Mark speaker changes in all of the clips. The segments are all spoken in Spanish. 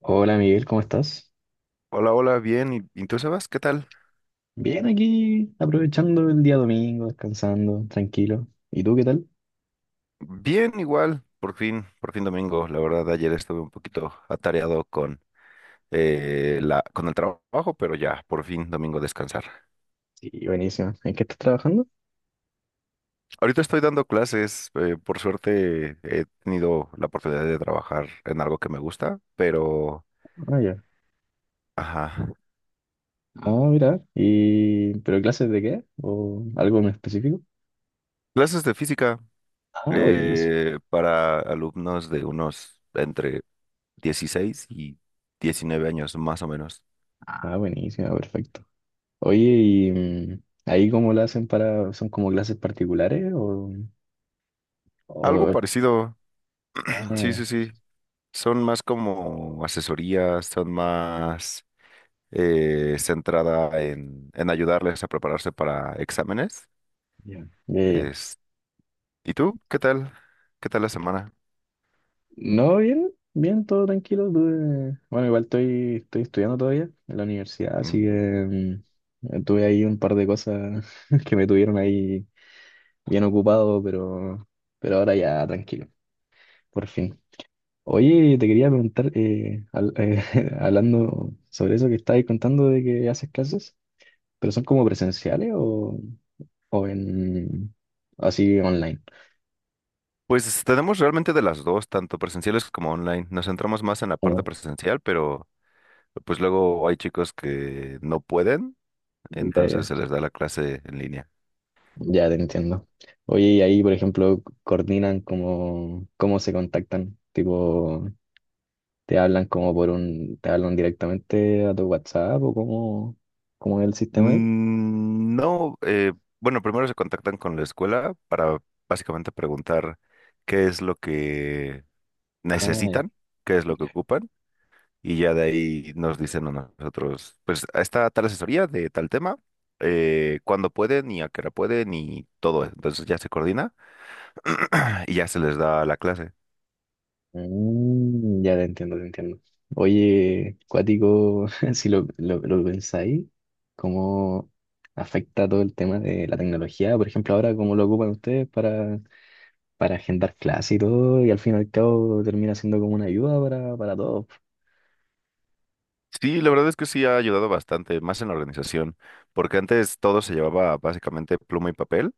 Speaker 1: Hola Miguel, ¿cómo estás?
Speaker 2: Hola, hola, bien. ¿Y tú, Sebas? ¿Qué tal?
Speaker 1: Bien aquí, aprovechando el día domingo, descansando, tranquilo. ¿Y tú qué tal?
Speaker 2: Bien, igual. Por fin domingo. La verdad, ayer estuve un poquito atareado con el trabajo, pero ya, por fin domingo descansar.
Speaker 1: Sí, buenísimo. ¿En qué estás trabajando?
Speaker 2: Ahorita estoy dando clases. Por suerte, he tenido la oportunidad de trabajar en algo que me gusta, pero,
Speaker 1: Ah, ya.
Speaker 2: ajá.
Speaker 1: Ah, mira. ¿Y pero clases de qué? ¿O algo en específico?
Speaker 2: Clases de física,
Speaker 1: Ah, buenísimo.
Speaker 2: para alumnos de unos entre 16 y 19 años, más o menos.
Speaker 1: Ah, buenísimo, perfecto. Oye, ¿y ahí cómo lo hacen para... ¿Son como clases particulares o...?
Speaker 2: Algo
Speaker 1: o-
Speaker 2: parecido.
Speaker 1: Ah,
Speaker 2: Sí,
Speaker 1: ya.
Speaker 2: sí, sí. Son más como asesorías, son más centrada en ayudarles a prepararse para exámenes.
Speaker 1: Ya, ya, ya.
Speaker 2: Es- ¿Y tú? ¿Qué tal? ¿Qué tal la semana?
Speaker 1: No, bien, bien, todo tranquilo. Bueno, igual estoy estudiando todavía en la universidad, así
Speaker 2: Mm.
Speaker 1: que tuve ahí un par de cosas que me tuvieron ahí bien ocupado, pero ahora ya tranquilo, por fin. Oye, te quería preguntar, hablando sobre eso que estabas contando de que haces clases, pero son como presenciales o en así online.
Speaker 2: Pues tenemos realmente de las dos, tanto presenciales como online. Nos centramos más en la parte
Speaker 1: Ah,
Speaker 2: presencial, pero pues luego hay chicos que no pueden,
Speaker 1: ya,
Speaker 2: entonces
Speaker 1: ya.
Speaker 2: se les da la clase en línea.
Speaker 1: Ya te entiendo. Oye, y ahí, por ejemplo, coordinan cómo, cómo se contactan. Tipo, te hablan como por un, te hablan directamente a tu WhatsApp o cómo, cómo es el sistema ahí.
Speaker 2: No, bueno, primero se contactan con la escuela para básicamente preguntar qué es lo que
Speaker 1: Ah, ya.
Speaker 2: necesitan, qué es lo que ocupan, y ya de ahí nos dicen a nosotros, pues está tal asesoría de tal tema, cuándo pueden y a qué hora pueden y todo eso. Entonces ya se coordina y ya se les da la clase.
Speaker 1: Mm, ya te entiendo, te entiendo. Oye, cuático, si lo, lo pensáis, ¿cómo afecta todo el tema de la tecnología? Por ejemplo, ahora, ¿cómo lo ocupan ustedes para agendar clases y todo? Y al fin y al cabo termina siendo como una ayuda para todos.
Speaker 2: Sí, la verdad es que sí ha ayudado bastante, más en la organización, porque antes todo se llevaba básicamente pluma y papel.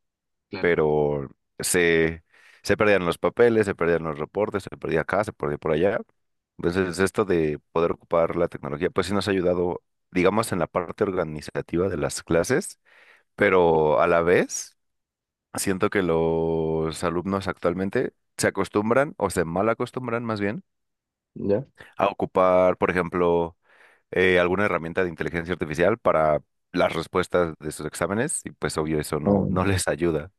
Speaker 1: Claro.
Speaker 2: Pero se, se perdían los papeles, se perdían los reportes, se perdía acá, se perdía por allá. Entonces, esto de poder ocupar la tecnología, pues sí nos ha ayudado, digamos, en la parte organizativa de las clases, pero a la vez siento que los alumnos actualmente se acostumbran o se mal acostumbran más bien
Speaker 1: ¿Ya?
Speaker 2: a ocupar, por ejemplo, alguna herramienta de inteligencia artificial para las respuestas de sus exámenes y pues obvio eso no, no
Speaker 1: Mm.
Speaker 2: les ayuda.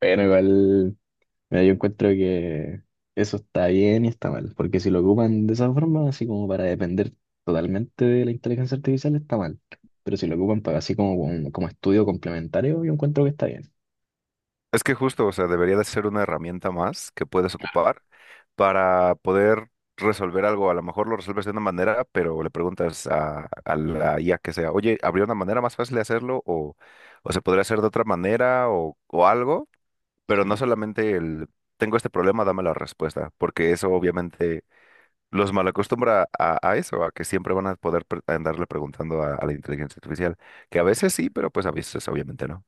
Speaker 1: Bueno, igual, mira, yo encuentro que eso está bien y está mal, porque si lo ocupan de esa forma, así como para depender totalmente de la inteligencia artificial, está mal. Pero si lo ocupan para así como, como, como estudio complementario, yo encuentro que está bien.
Speaker 2: Es que justo, o sea, debería de ser una herramienta más que puedes ocupar para poder resolver algo. A lo mejor lo resuelves de una manera, pero le preguntas a la IA que sea, oye, ¿habría una manera más fácil de hacerlo? O se podría hacer de otra manera o algo, pero no solamente tengo este problema, dame la respuesta, porque eso obviamente los malacostumbra a eso, a que siempre van a poder andarle preguntando a la inteligencia artificial, que a veces sí, pero pues a veces obviamente no.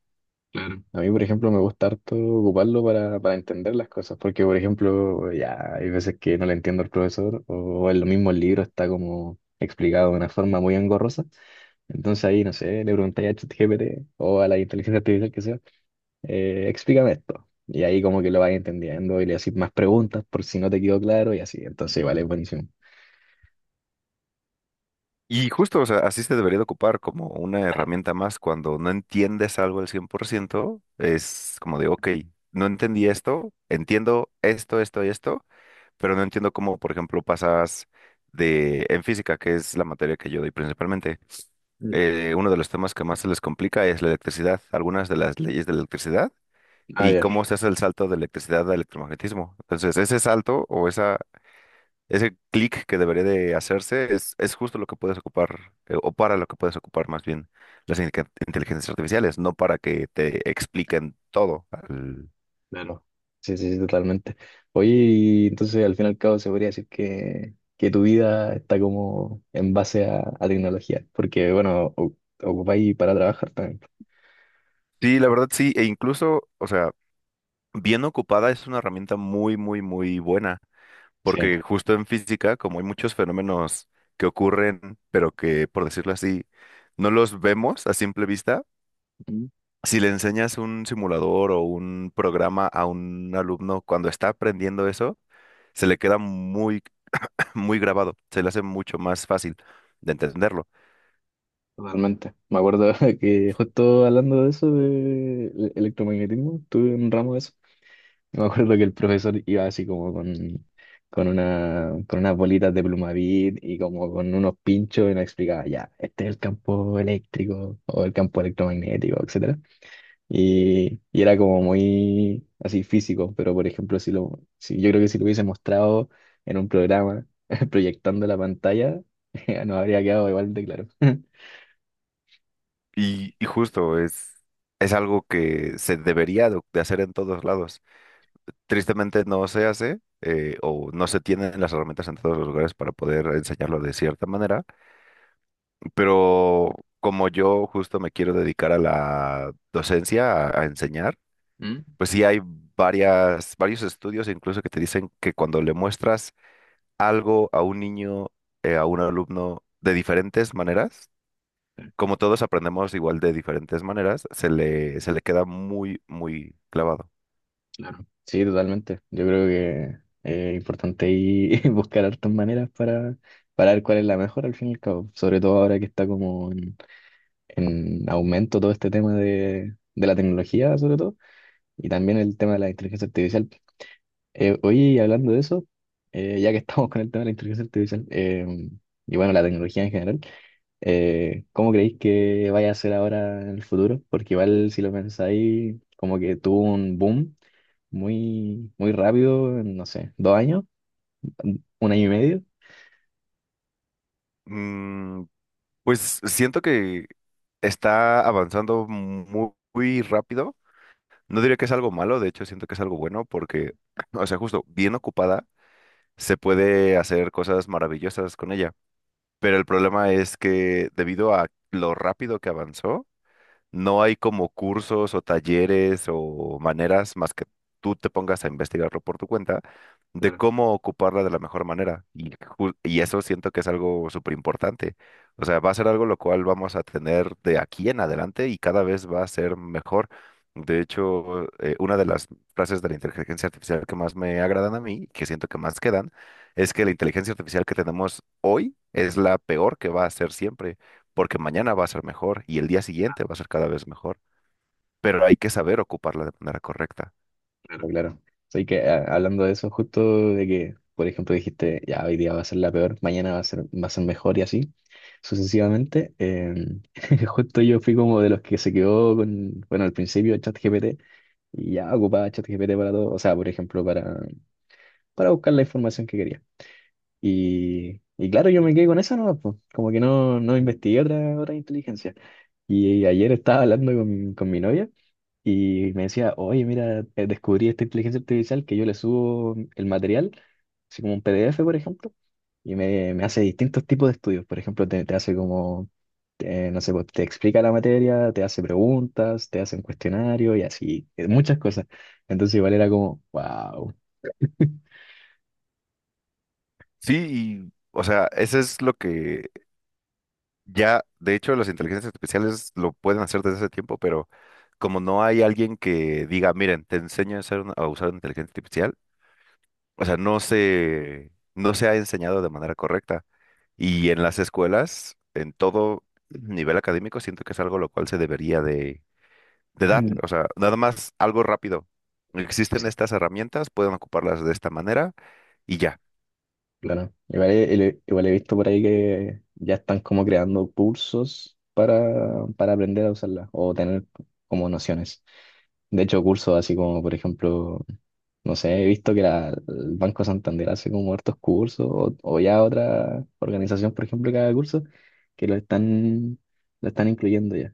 Speaker 1: Claro. A mí, por ejemplo, me gusta harto ocuparlo para entender las cosas, porque, por ejemplo, ya hay veces que no le entiendo al profesor, o en lo mismo el libro está como explicado de una forma muy engorrosa. Entonces ahí, no sé, le preguntáis a ChatGPT o a la inteligencia artificial que sea explícame esto. Y ahí como que lo vas entendiendo y le haces más preguntas por si no te quedó claro y así. Entonces, vale, es buenísimo.
Speaker 2: Y justo, o sea, así se debería de ocupar como una herramienta más cuando no entiendes algo al 100%, es como de, ok, no entendí esto, entiendo esto, esto y esto, pero no entiendo cómo, por ejemplo, pasas de, en física, que es la materia que yo doy principalmente,
Speaker 1: Mm.
Speaker 2: uno de los temas que más se les complica es la electricidad, algunas de las leyes de la electricidad
Speaker 1: Ah,
Speaker 2: y
Speaker 1: ya,
Speaker 2: cómo se hace el salto de electricidad a electromagnetismo. Entonces, ese salto o esa ese clic que debería de hacerse es justo lo que puedes ocupar, o para lo que puedes ocupar más bien las inteligencias artificiales, no para que te expliquen todo.
Speaker 1: claro. Sí, sí, sí, totalmente. Oye, y entonces al fin y al cabo se podría decir que tu vida está como en base a tecnología, porque bueno, ocupáis para trabajar también.
Speaker 2: Sí, la verdad sí, e incluso, o sea, bien ocupada es una herramienta muy buena,
Speaker 1: Sí.
Speaker 2: porque justo en física, como hay muchos fenómenos que ocurren, pero que, por decirlo así, no los vemos a simple vista,
Speaker 1: Mm.
Speaker 2: si le enseñas un simulador o un programa a un alumno cuando está aprendiendo eso, se le queda muy grabado, se le hace mucho más fácil de entenderlo.
Speaker 1: Totalmente. Me acuerdo que justo hablando de eso, de electromagnetismo, tuve un ramo de eso. Me acuerdo que el profesor iba así como con, una, con unas bolitas de Plumavit y como con unos pinchos y nos explicaba, ya, este es el campo eléctrico o el campo electromagnético, etcétera. Y era como muy así físico, pero por ejemplo, si lo, si, yo creo que si lo hubiese mostrado en un programa proyectando la pantalla, nos habría quedado igual de claro.
Speaker 2: Y justo es algo que se debería de hacer en todos lados. Tristemente no se hace. O no se tienen las herramientas en todos los lugares para poder enseñarlo de cierta manera, pero como yo justo me quiero dedicar a la docencia, a enseñar,
Speaker 1: ¿Mm?
Speaker 2: pues sí hay varios estudios incluso que te dicen que cuando le muestras algo a un niño, a un alumno de diferentes maneras, como todos aprendemos igual de diferentes maneras, se le queda muy clavado.
Speaker 1: Claro. Sí, totalmente. Yo creo que es importante ahí buscar hartas maneras para ver cuál es la mejor al fin y al cabo. Sobre todo ahora que está como en aumento todo este tema de la tecnología, sobre todo, y también el tema de la inteligencia artificial. Oye, hablando de eso, ya que estamos con el tema de la inteligencia artificial, y bueno, la tecnología en general, ¿cómo creéis que vaya a ser ahora en el futuro? Porque igual si lo pensáis, como que tuvo un boom muy, muy rápido, en, no sé, dos años, un año y medio.
Speaker 2: Mm, pues siento que está avanzando muy rápido. No diría que es algo malo, de hecho siento que es algo bueno porque, o sea, justo bien ocupada, se puede hacer cosas maravillosas con ella. Pero el problema es que debido a lo rápido que avanzó, no hay como cursos o talleres o maneras más que tú te pongas a investigarlo por tu cuenta de
Speaker 1: Claro, claro.
Speaker 2: cómo ocuparla de la mejor manera. Y, y eso siento que es algo súper importante. O sea, va a ser algo lo cual vamos a tener de aquí en adelante y cada vez va a ser mejor. De hecho, una de las frases de la inteligencia artificial que más me agradan a mí, que siento que más quedan, es que la inteligencia artificial que tenemos hoy es la peor que va a ser siempre porque mañana va a ser mejor y el día siguiente va a ser cada vez mejor, pero hay que saber ocuparla de manera correcta.
Speaker 1: Pero claro, así que hablando de eso, justo de que, por ejemplo, dijiste, ya hoy día va a ser la peor, mañana va a ser mejor y así, sucesivamente, justo yo fui como de los que se quedó con, bueno, al principio ChatGPT y ya ocupaba ChatGPT para todo, o sea, por ejemplo, para buscar la información que quería. Y claro, yo me quedé con esa nomás, pues como que no, no investigué otra, otra inteligencia. Y ayer estaba hablando con mi novia y me decía, oye, mira, descubrí esta inteligencia artificial que yo le subo el material, así como un PDF, por ejemplo, y me hace distintos tipos de estudios. Por ejemplo, te hace como, no sé, pues, te explica la materia, te hace preguntas, te hace un cuestionario y así, muchas cosas. Entonces igual era como, wow.
Speaker 2: Sí, y, o sea, eso es lo que ya, de hecho, las inteligencias artificiales lo pueden hacer desde hace tiempo, pero como no hay alguien que diga, miren, te enseño a hacer a usar una inteligencia artificial, o sea, no se ha enseñado de manera correcta. Y en las escuelas, en todo nivel académico, siento que es algo lo cual se debería de dar, o sea, nada más algo rápido. Existen estas herramientas, pueden ocuparlas de esta manera y ya.
Speaker 1: Claro. Igual he, igual he visto por ahí que ya están como creando cursos para aprender a usarla o tener como nociones. De hecho, cursos así como, por ejemplo, no sé, he visto que el Banco Santander hace como hartos cursos o ya otra organización, por ejemplo, que haga cursos que lo están incluyendo ya.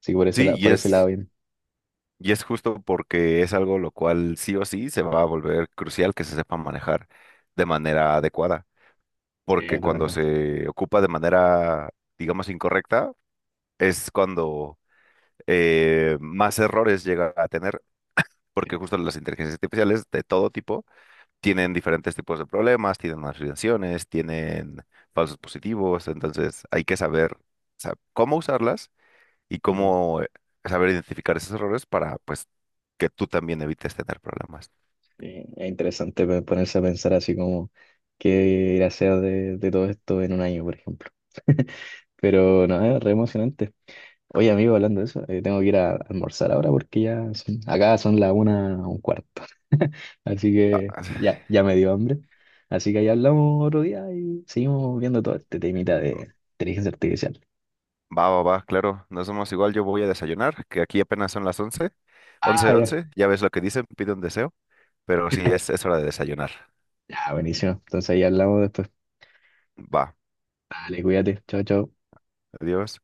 Speaker 1: Así que por ese,
Speaker 2: Sí,
Speaker 1: por sí, ese lado bien,
Speaker 2: y es justo porque es algo lo cual sí o sí se va a volver crucial que se sepa manejar de manera adecuada,
Speaker 1: sí. Bien,
Speaker 2: porque cuando
Speaker 1: totalmente.
Speaker 2: se ocupa de manera, digamos, incorrecta, es cuando más errores llega a tener, porque justo las inteligencias artificiales de todo tipo tienen diferentes tipos de problemas, tienen afiliaciones, tienen falsos positivos, entonces hay que saber, o sea, cómo usarlas y cómo saber identificar esos errores para pues que tú también evites tener problemas.
Speaker 1: Sí, es interesante ponerse a pensar así como qué irá a ser de todo esto en un año, por ejemplo. Pero no, es re emocionante. Oye, amigo, hablando de eso, tengo que ir a almorzar ahora porque ya acá son las una un cuarto. Así
Speaker 2: Ah,
Speaker 1: que ya, ya me dio hambre. Así que ahí hablamos otro día y seguimos viendo todo este temita de inteligencia artificial.
Speaker 2: Va, va, va, claro, no somos igual, yo voy a desayunar, que aquí apenas son las 11,
Speaker 1: Ah,
Speaker 2: 11,
Speaker 1: ya.
Speaker 2: 11. Ya ves lo que dicen, pide un deseo, pero sí es hora de desayunar.
Speaker 1: Ya, buenísimo. Entonces ahí hablamos después.
Speaker 2: Va,
Speaker 1: Dale, cuídate. Chao, chao.
Speaker 2: adiós.